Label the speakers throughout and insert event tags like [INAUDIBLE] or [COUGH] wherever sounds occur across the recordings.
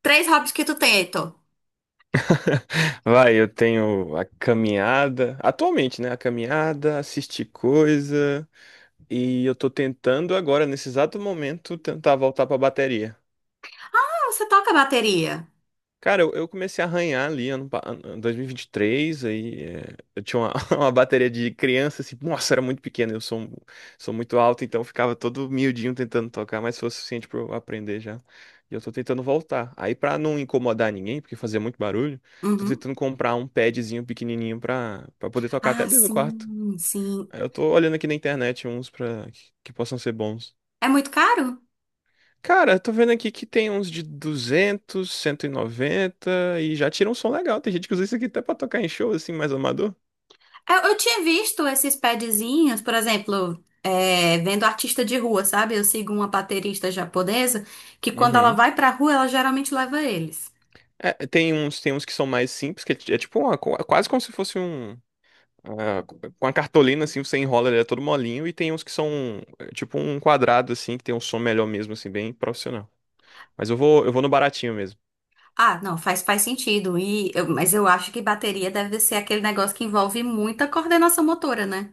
Speaker 1: Três hobbies que tu tem, Heitor.
Speaker 2: [LAUGHS] Vai, eu tenho a caminhada, atualmente, né? A caminhada, assistir coisa, e eu tô tentando agora, nesse exato momento, tentar voltar pra bateria.
Speaker 1: Ah, você toca bateria.
Speaker 2: Cara, eu comecei a arranhar ali ano 2023, eu tinha uma, [LAUGHS] uma bateria de criança, assim, nossa, era muito pequena, sou muito alto, então eu ficava todo miudinho tentando tocar, mas foi o suficiente pra eu aprender já. E eu tô tentando voltar. Aí pra não incomodar ninguém, porque fazia muito barulho, tô
Speaker 1: Uhum.
Speaker 2: tentando comprar um padzinho pequenininho pra poder tocar até
Speaker 1: Ah,
Speaker 2: dentro do quarto.
Speaker 1: sim, sim.
Speaker 2: Aí eu tô olhando aqui na internet uns que possam ser bons.
Speaker 1: É muito caro?
Speaker 2: Cara, eu tô vendo aqui que tem uns de 200, 190 e noventa e já tira um som legal. Tem gente que usa isso aqui até pra tocar em show, assim, mais amador.
Speaker 1: Eu tinha visto esses padzinhos, por exemplo, vendo artista de rua, sabe? Eu sigo uma baterista japonesa que quando ela
Speaker 2: Uhum.
Speaker 1: vai pra rua, ela geralmente leva eles.
Speaker 2: Tem uns que são mais simples, é tipo uma, quase como se fosse um. ah, com a cartolina, assim, você enrola, ele é todo molinho. E tem uns que são tipo um quadrado, assim, que tem um som melhor mesmo, assim, bem profissional. Mas eu vou no baratinho mesmo.
Speaker 1: Ah, não, faz sentido. Mas eu acho que bateria deve ser aquele negócio que envolve muita coordenação motora, né?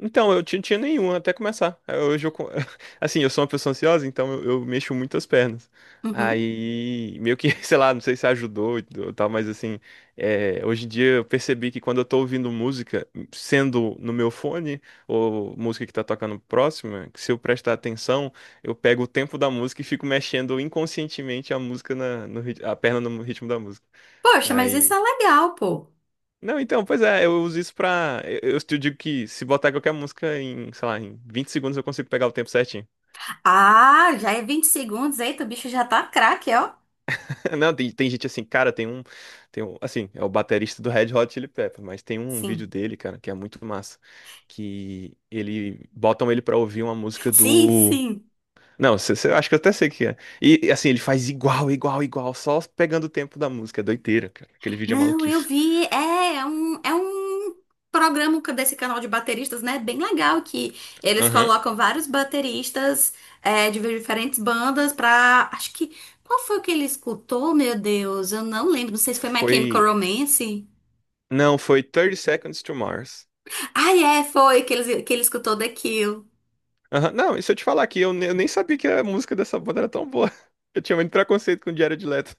Speaker 2: Então, eu tinha, tinha nenhum até começar. Aí hoje [LAUGHS] assim, eu sou uma pessoa ansiosa, então eu mexo muito as pernas.
Speaker 1: Uhum.
Speaker 2: Aí, meio que, [LAUGHS] sei lá, não sei se ajudou e ou tal, mas assim, hoje em dia eu percebi que quando eu tô ouvindo música, sendo no meu fone, ou música que tá tocando próxima, que se eu prestar atenção, eu pego o tempo da música e fico mexendo inconscientemente a música na, no, rit- a perna no ritmo da música.
Speaker 1: Poxa, mas isso
Speaker 2: Aí
Speaker 1: é legal, pô.
Speaker 2: não, então, pois é, eu uso isso pra. Eu te digo que se botar qualquer música sei lá, em 20 segundos eu consigo pegar o tempo certinho.
Speaker 1: Ah, já é 20 segundos. Eita, o bicho já tá craque, ó.
Speaker 2: [LAUGHS] Não, tem, tem gente assim, cara, tem um. Assim, é o baterista do Red Hot Chili Peppers, mas tem um vídeo
Speaker 1: Sim.
Speaker 2: dele, cara, que é muito massa. Que ele. Botam ele pra ouvir uma música
Speaker 1: Sim,
Speaker 2: do.
Speaker 1: sim.
Speaker 2: Não, eu acho que eu até sei o que é. E assim, ele faz igual, igual, igual, só pegando o tempo da música. É doideira, cara. Aquele vídeo é
Speaker 1: Não, eu
Speaker 2: maluquice.
Speaker 1: vi. É um programa desse canal de bateristas, né? Bem legal que eles
Speaker 2: Aham.
Speaker 1: colocam vários bateristas de diferentes bandas pra. Acho que. Qual foi o que ele escutou, meu Deus? Eu não lembro. Não sei se foi My Chemical
Speaker 2: Foi.
Speaker 1: Romance.
Speaker 2: Não, foi Thirty Seconds to Mars.
Speaker 1: Ai é, foi que que ele escutou The Kill.
Speaker 2: Aham. Não, e se eu te falar aqui, eu nem sabia que a música dessa banda era tão boa. [LAUGHS] Eu tinha muito preconceito com o Jared Leto.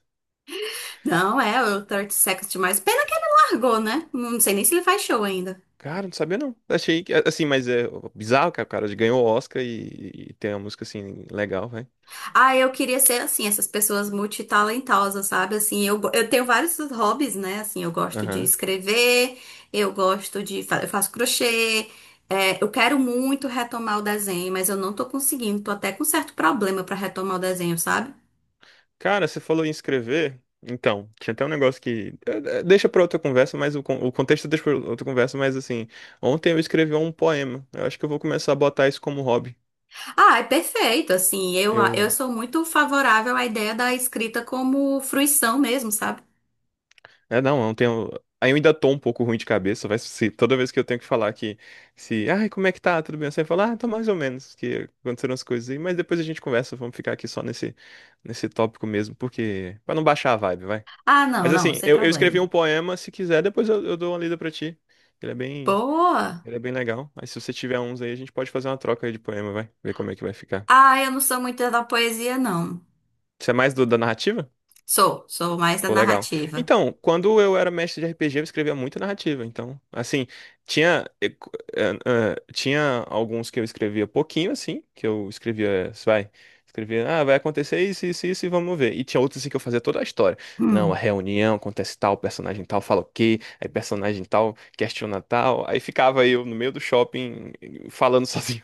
Speaker 1: Não, é o 30 Seconds to Mars. Pena que ele largou, né? Não sei nem se ele faz show ainda.
Speaker 2: Cara, não sabia não. Achei que, assim, mas é bizarro que o cara ganhou o Oscar e tem uma música assim legal, vai.
Speaker 1: Ah, eu queria ser assim, essas pessoas multitalentosas, sabe? Assim, eu tenho vários hobbies, né? Assim, eu gosto de
Speaker 2: Aham.
Speaker 1: escrever, eu gosto eu faço crochê, eu quero muito retomar o desenho, mas eu não tô conseguindo, tô até com certo problema pra retomar o desenho, sabe?
Speaker 2: Cara, você falou em escrever. Então, tinha até um negócio que. Deixa pra outra conversa, mas o contexto deixa pra outra conversa, mas assim. Ontem eu escrevi um poema. Eu acho que eu vou começar a botar isso como hobby.
Speaker 1: Ah, é perfeito, assim, eu
Speaker 2: Eu
Speaker 1: sou muito favorável à ideia da escrita como fruição mesmo, sabe?
Speaker 2: é, não, eu não tenho. Aí eu ainda tô um pouco ruim de cabeça, vai se toda vez que eu tenho que falar que se, ai, como é que tá? Tudo bem? Você fala, ah, tô mais ou menos, que aconteceram as coisas aí, mas depois a gente conversa, vamos ficar aqui só nesse tópico mesmo, porque pra não baixar a vibe, vai.
Speaker 1: Ah, não,
Speaker 2: Mas
Speaker 1: não,
Speaker 2: assim,
Speaker 1: sem
Speaker 2: eu escrevi
Speaker 1: problema.
Speaker 2: um poema, se quiser, eu dou uma lida pra ti. Ele é bem,
Speaker 1: Boa!
Speaker 2: ele é bem legal. Mas se você tiver uns aí, a gente pode fazer uma troca aí de poema, vai. Ver como é que vai ficar.
Speaker 1: Ah, eu não sou muito da poesia, não.
Speaker 2: Você é mais do da narrativa?
Speaker 1: Sou, sou mais da
Speaker 2: Pô, legal.
Speaker 1: narrativa.
Speaker 2: Então, quando eu era mestre de RPG, eu escrevia muita narrativa. Então, assim, tinha, eh, tinha alguns que eu escrevia pouquinho, assim, que eu escrevia, vai, escrevia, ah, vai acontecer isso, isso, isso, e vamos ver. E tinha outros, assim, que eu fazia toda a história. Não, a
Speaker 1: Hum.
Speaker 2: reunião, acontece tal, personagem tal, fala o quê, aí personagem tal, questiona tal. Aí ficava eu no meio do shopping falando [LAUGHS] sozinho.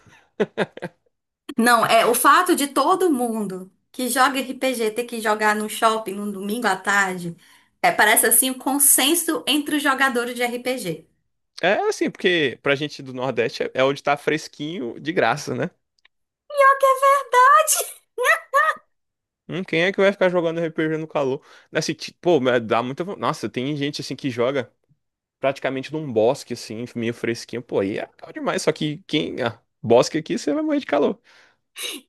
Speaker 1: Não, é o fato de todo mundo que joga RPG ter que jogar no shopping no domingo à tarde, é, parece assim o consenso entre os jogadores de RPG.
Speaker 2: É assim, porque pra gente do Nordeste é onde tá fresquinho de graça, né? Quem é que vai ficar jogando RPG no calor? Assim, pô, mas dá muita. Nossa, tem gente assim que joga praticamente num bosque, assim, meio fresquinho. Pô, aí é calor demais. Só que quem. Ah, bosque aqui, você vai morrer de calor.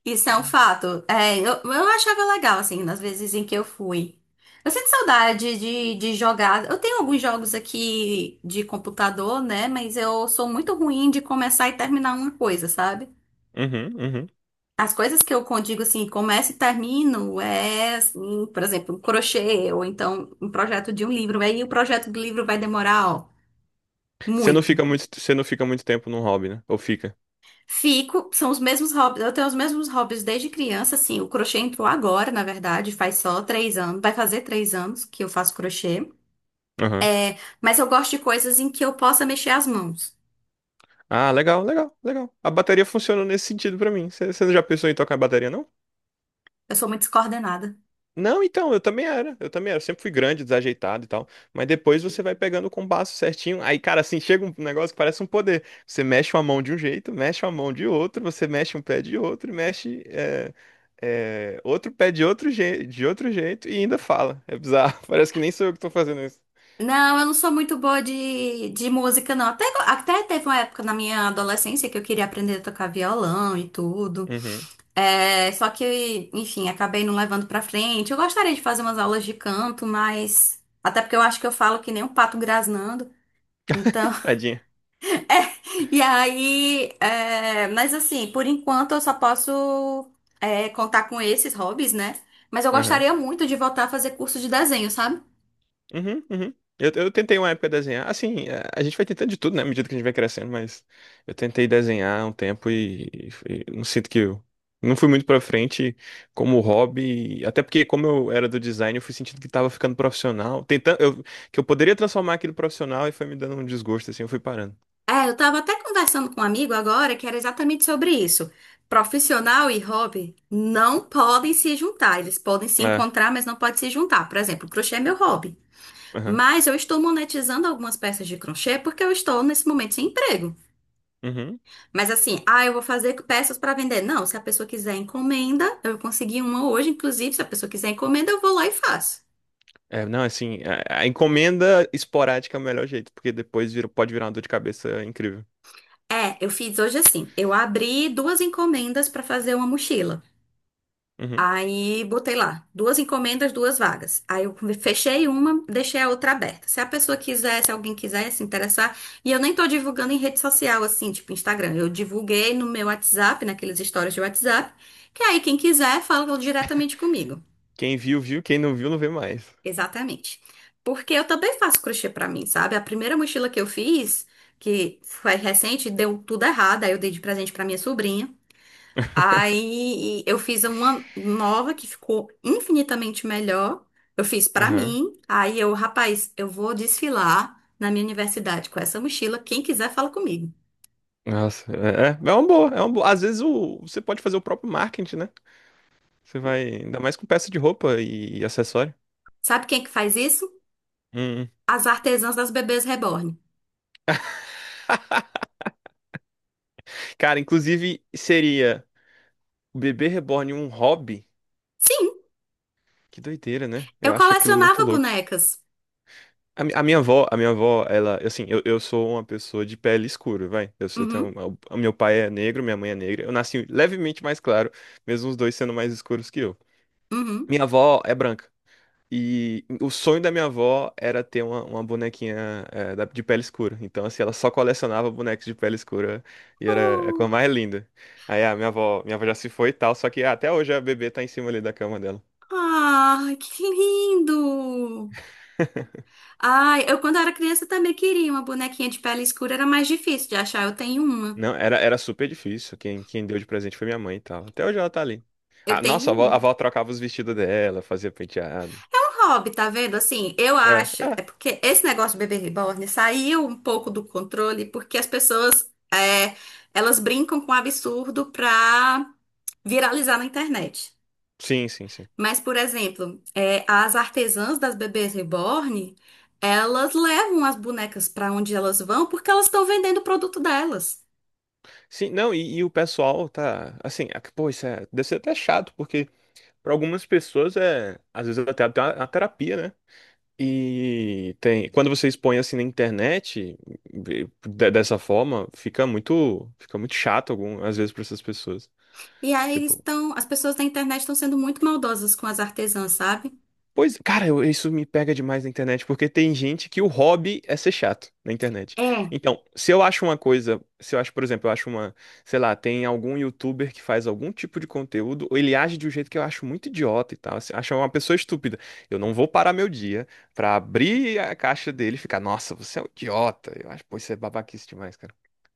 Speaker 1: Isso é um fato. Eu achava legal, assim, nas vezes em que eu fui. Eu sinto saudade de jogar. Eu tenho alguns jogos aqui de computador, né? Mas eu sou muito ruim de começar e terminar uma coisa, sabe?
Speaker 2: Uhum, uhum.
Speaker 1: As coisas que digo assim, começo e termino, é, assim, por exemplo, um crochê, ou então um projeto de um livro. Aí o projeto do livro vai demorar, ó, muito.
Speaker 2: Você não fica muito tempo num hobby, né? Ou fica?
Speaker 1: Fico, são os mesmos hobbies, eu tenho os mesmos hobbies desde criança, assim, o crochê entrou agora, na verdade, faz só 3 anos, vai fazer 3 anos que eu faço crochê.
Speaker 2: Aham.
Speaker 1: Mas eu gosto de coisas em que eu possa mexer as mãos.
Speaker 2: Ah, legal, legal, legal. A bateria funciona nesse sentido pra mim. Você não já pensou em tocar bateria, não?
Speaker 1: Eu sou muito descoordenada.
Speaker 2: Não, então, Eu também era. Eu sempre fui grande, desajeitado e tal. Mas depois você vai pegando o compasso certinho. Aí, cara, assim, chega um negócio que parece um poder. Você mexe uma mão de um jeito, mexe uma mão de outro, você mexe um pé de outro, outro pé de outro jeito e ainda fala. É bizarro. [LAUGHS] Parece que nem sou eu que tô fazendo isso.
Speaker 1: Não, eu não sou muito boa de música, não. Até, até teve uma época na minha adolescência que eu queria aprender a tocar violão e tudo.
Speaker 2: Uhum.
Speaker 1: É, só que, enfim, acabei não levando pra frente. Eu gostaria de fazer umas aulas de canto, mas. Até porque eu acho que eu falo que nem um pato grasnando. Então.
Speaker 2: Tadinha.
Speaker 1: [LAUGHS] é, E aí. É, mas assim, por enquanto eu só posso contar com esses hobbies, né? Mas eu gostaria muito de voltar a fazer curso de desenho, sabe?
Speaker 2: Uhum, uhum. Eu tentei uma época desenhar. Assim, a gente vai tentando de tudo, né? À medida que a gente vai crescendo, mas eu tentei desenhar um tempo e não sinto que eu não fui muito pra frente como hobby. Até porque, como eu era do design, eu fui sentindo que tava ficando profissional. Que eu poderia transformar aquilo em profissional e foi me dando um desgosto, assim, eu fui parando.
Speaker 1: É, eu tava até conversando com um amigo agora que era exatamente sobre isso. Profissional e hobby não podem se juntar. Eles podem se
Speaker 2: É,
Speaker 1: encontrar, mas não podem se juntar. Por exemplo, crochê é meu hobby.
Speaker 2: aham.
Speaker 1: Mas eu estou monetizando algumas peças de crochê porque eu estou nesse momento sem emprego.
Speaker 2: Uhum.
Speaker 1: Mas assim, ah, eu vou fazer peças para vender. Não, se a pessoa quiser encomenda, eu consegui uma hoje, inclusive, se a pessoa quiser encomenda, eu vou lá e faço.
Speaker 2: É, não, assim, a encomenda esporádica é o melhor jeito, porque pode virar uma dor de cabeça incrível.
Speaker 1: É, eu fiz hoje assim. Eu abri duas encomendas para fazer uma mochila.
Speaker 2: Uhum.
Speaker 1: Aí botei lá, duas encomendas, duas vagas. Aí eu fechei uma, deixei a outra aberta. Se a pessoa quiser, se alguém quiser se interessar, e eu nem tô divulgando em rede social, assim, tipo Instagram. Eu divulguei no meu WhatsApp, naqueles stories de WhatsApp, que aí quem quiser fala diretamente comigo.
Speaker 2: Quem viu, viu. Quem não viu, não vê mais.
Speaker 1: Exatamente. Porque eu também faço crochê pra mim, sabe? A primeira mochila que eu fiz, que foi recente, deu tudo errado, aí eu dei de presente pra minha sobrinha. Aí eu fiz uma nova que ficou infinitamente melhor. Eu fiz pra
Speaker 2: Aham.
Speaker 1: mim. Aí eu, rapaz, eu vou desfilar na minha universidade com essa mochila. Quem quiser, fala comigo.
Speaker 2: Nossa, é uma boa, é uma boa. Às vezes o, você pode fazer o próprio marketing, né? Você vai, ainda mais com peça de roupa e, acessório.
Speaker 1: Sabe quem é que faz isso?
Speaker 2: Hum, hum.
Speaker 1: As artesãs das bebês reborn.
Speaker 2: Cara, inclusive seria o bebê reborn um hobby?
Speaker 1: Sim,
Speaker 2: Que doideira, né?
Speaker 1: eu
Speaker 2: Eu acho aquilo muito
Speaker 1: colecionava
Speaker 2: louco.
Speaker 1: bonecas.
Speaker 2: A minha avó, ela, assim, eu sou uma pessoa de pele escura, vai. Eu tenho,
Speaker 1: Uhum,
Speaker 2: o meu pai é negro, minha mãe é negra. Eu nasci levemente mais claro, mesmo os dois sendo mais escuros que eu.
Speaker 1: uhum.
Speaker 2: Minha avó é branca. E o sonho da minha avó era ter uma bonequinha de pele escura. Então, assim, ela só colecionava bonecos de pele escura e era é a coisa
Speaker 1: Oh,
Speaker 2: mais linda. Aí minha avó já se foi e tal, só que ah, até hoje a bebê tá em cima ali da cama dela.
Speaker 1: ai, que lindo! Ai, eu quando era criança também queria uma bonequinha de pele escura, era mais difícil de achar. Eu tenho uma.
Speaker 2: Não, era, era super difícil. Quem deu de presente foi minha mãe e tal. Até hoje ela tá ali.
Speaker 1: Eu
Speaker 2: Ah, nossa,
Speaker 1: tenho
Speaker 2: a
Speaker 1: uma.
Speaker 2: avó trocava os vestidos dela, fazia penteado.
Speaker 1: É um hobby, tá vendo? Assim, eu
Speaker 2: É,
Speaker 1: acho. É
Speaker 2: é.
Speaker 1: porque esse negócio de bebê reborn saiu um pouco do controle porque as pessoas, é, elas brincam com o absurdo pra viralizar na internet.
Speaker 2: Sim, sim, sim.
Speaker 1: Mas, por exemplo, é, as artesãs das bebês reborn, elas levam as bonecas pra onde elas vão porque elas estão vendendo o produto delas.
Speaker 2: Sim, não, e o pessoal tá. Assim, é que, pô, isso é, deve ser até chato, porque. Para algumas pessoas é, às vezes até a terapia, né? E tem, quando você expõe assim na internet, de- dessa forma, fica muito chato algum, às vezes para essas pessoas.
Speaker 1: E aí eles
Speaker 2: Tipo,
Speaker 1: estão, as pessoas da internet estão sendo muito maldosas com as artesãs, sabe?
Speaker 2: pois, cara, isso me pega demais na internet, porque tem gente que o hobby é ser chato na internet.
Speaker 1: É.
Speaker 2: Então, se eu acho uma coisa, se eu acho, por exemplo, sei lá, tem algum youtuber que faz algum tipo de conteúdo, ou ele age de um jeito que eu acho muito idiota e tal, assim, acho uma pessoa estúpida. Eu não vou parar meu dia pra abrir a caixa dele e ficar, nossa, você é um idiota. Eu acho, pô, isso é babaquice demais, cara.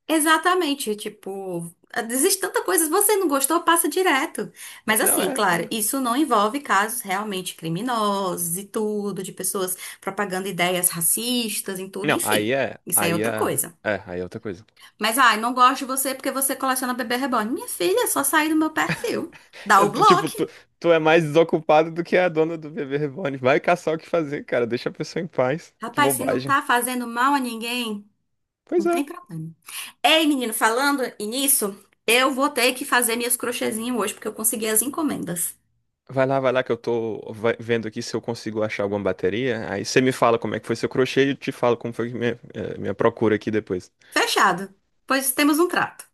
Speaker 1: Exatamente, tipo, existe tanta coisa, se você não gostou, passa direto.
Speaker 2: É,
Speaker 1: Mas
Speaker 2: Não,
Speaker 1: assim,
Speaker 2: é.
Speaker 1: claro,
Speaker 2: é-
Speaker 1: isso não envolve casos realmente criminosos e tudo, de pessoas propagando ideias racistas e tudo,
Speaker 2: Não,
Speaker 1: enfim.
Speaker 2: aí é.
Speaker 1: Isso aí é
Speaker 2: Aí
Speaker 1: outra
Speaker 2: é.
Speaker 1: coisa.
Speaker 2: É, aí é outra coisa.
Speaker 1: Mas, ai, não gosto de você porque você coleciona bebê reborn. Minha filha, é só sair do meu perfil. Dá
Speaker 2: É,
Speaker 1: o
Speaker 2: tu- tipo,
Speaker 1: bloco.
Speaker 2: tu é mais desocupado do que a dona do bebê reborn. Vai caçar o que fazer, cara. Deixa a pessoa em paz. Que
Speaker 1: Rapaz, se não
Speaker 2: bobagem.
Speaker 1: tá fazendo mal a ninguém,
Speaker 2: Pois
Speaker 1: não
Speaker 2: é.
Speaker 1: tem problema. Ei, menino, falando nisso, eu vou ter que fazer minhas crochêzinhas hoje porque eu consegui as encomendas.
Speaker 2: Vai lá que eu tô vendo aqui se eu consigo achar alguma bateria. Aí você me fala como é que foi seu crochê e eu te falo como foi minha, minha procura aqui depois. [LAUGHS]
Speaker 1: Fechado. Pois temos um trato.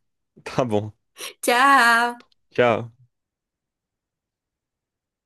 Speaker 2: Tá bom.
Speaker 1: Tchau!
Speaker 2: Tchau.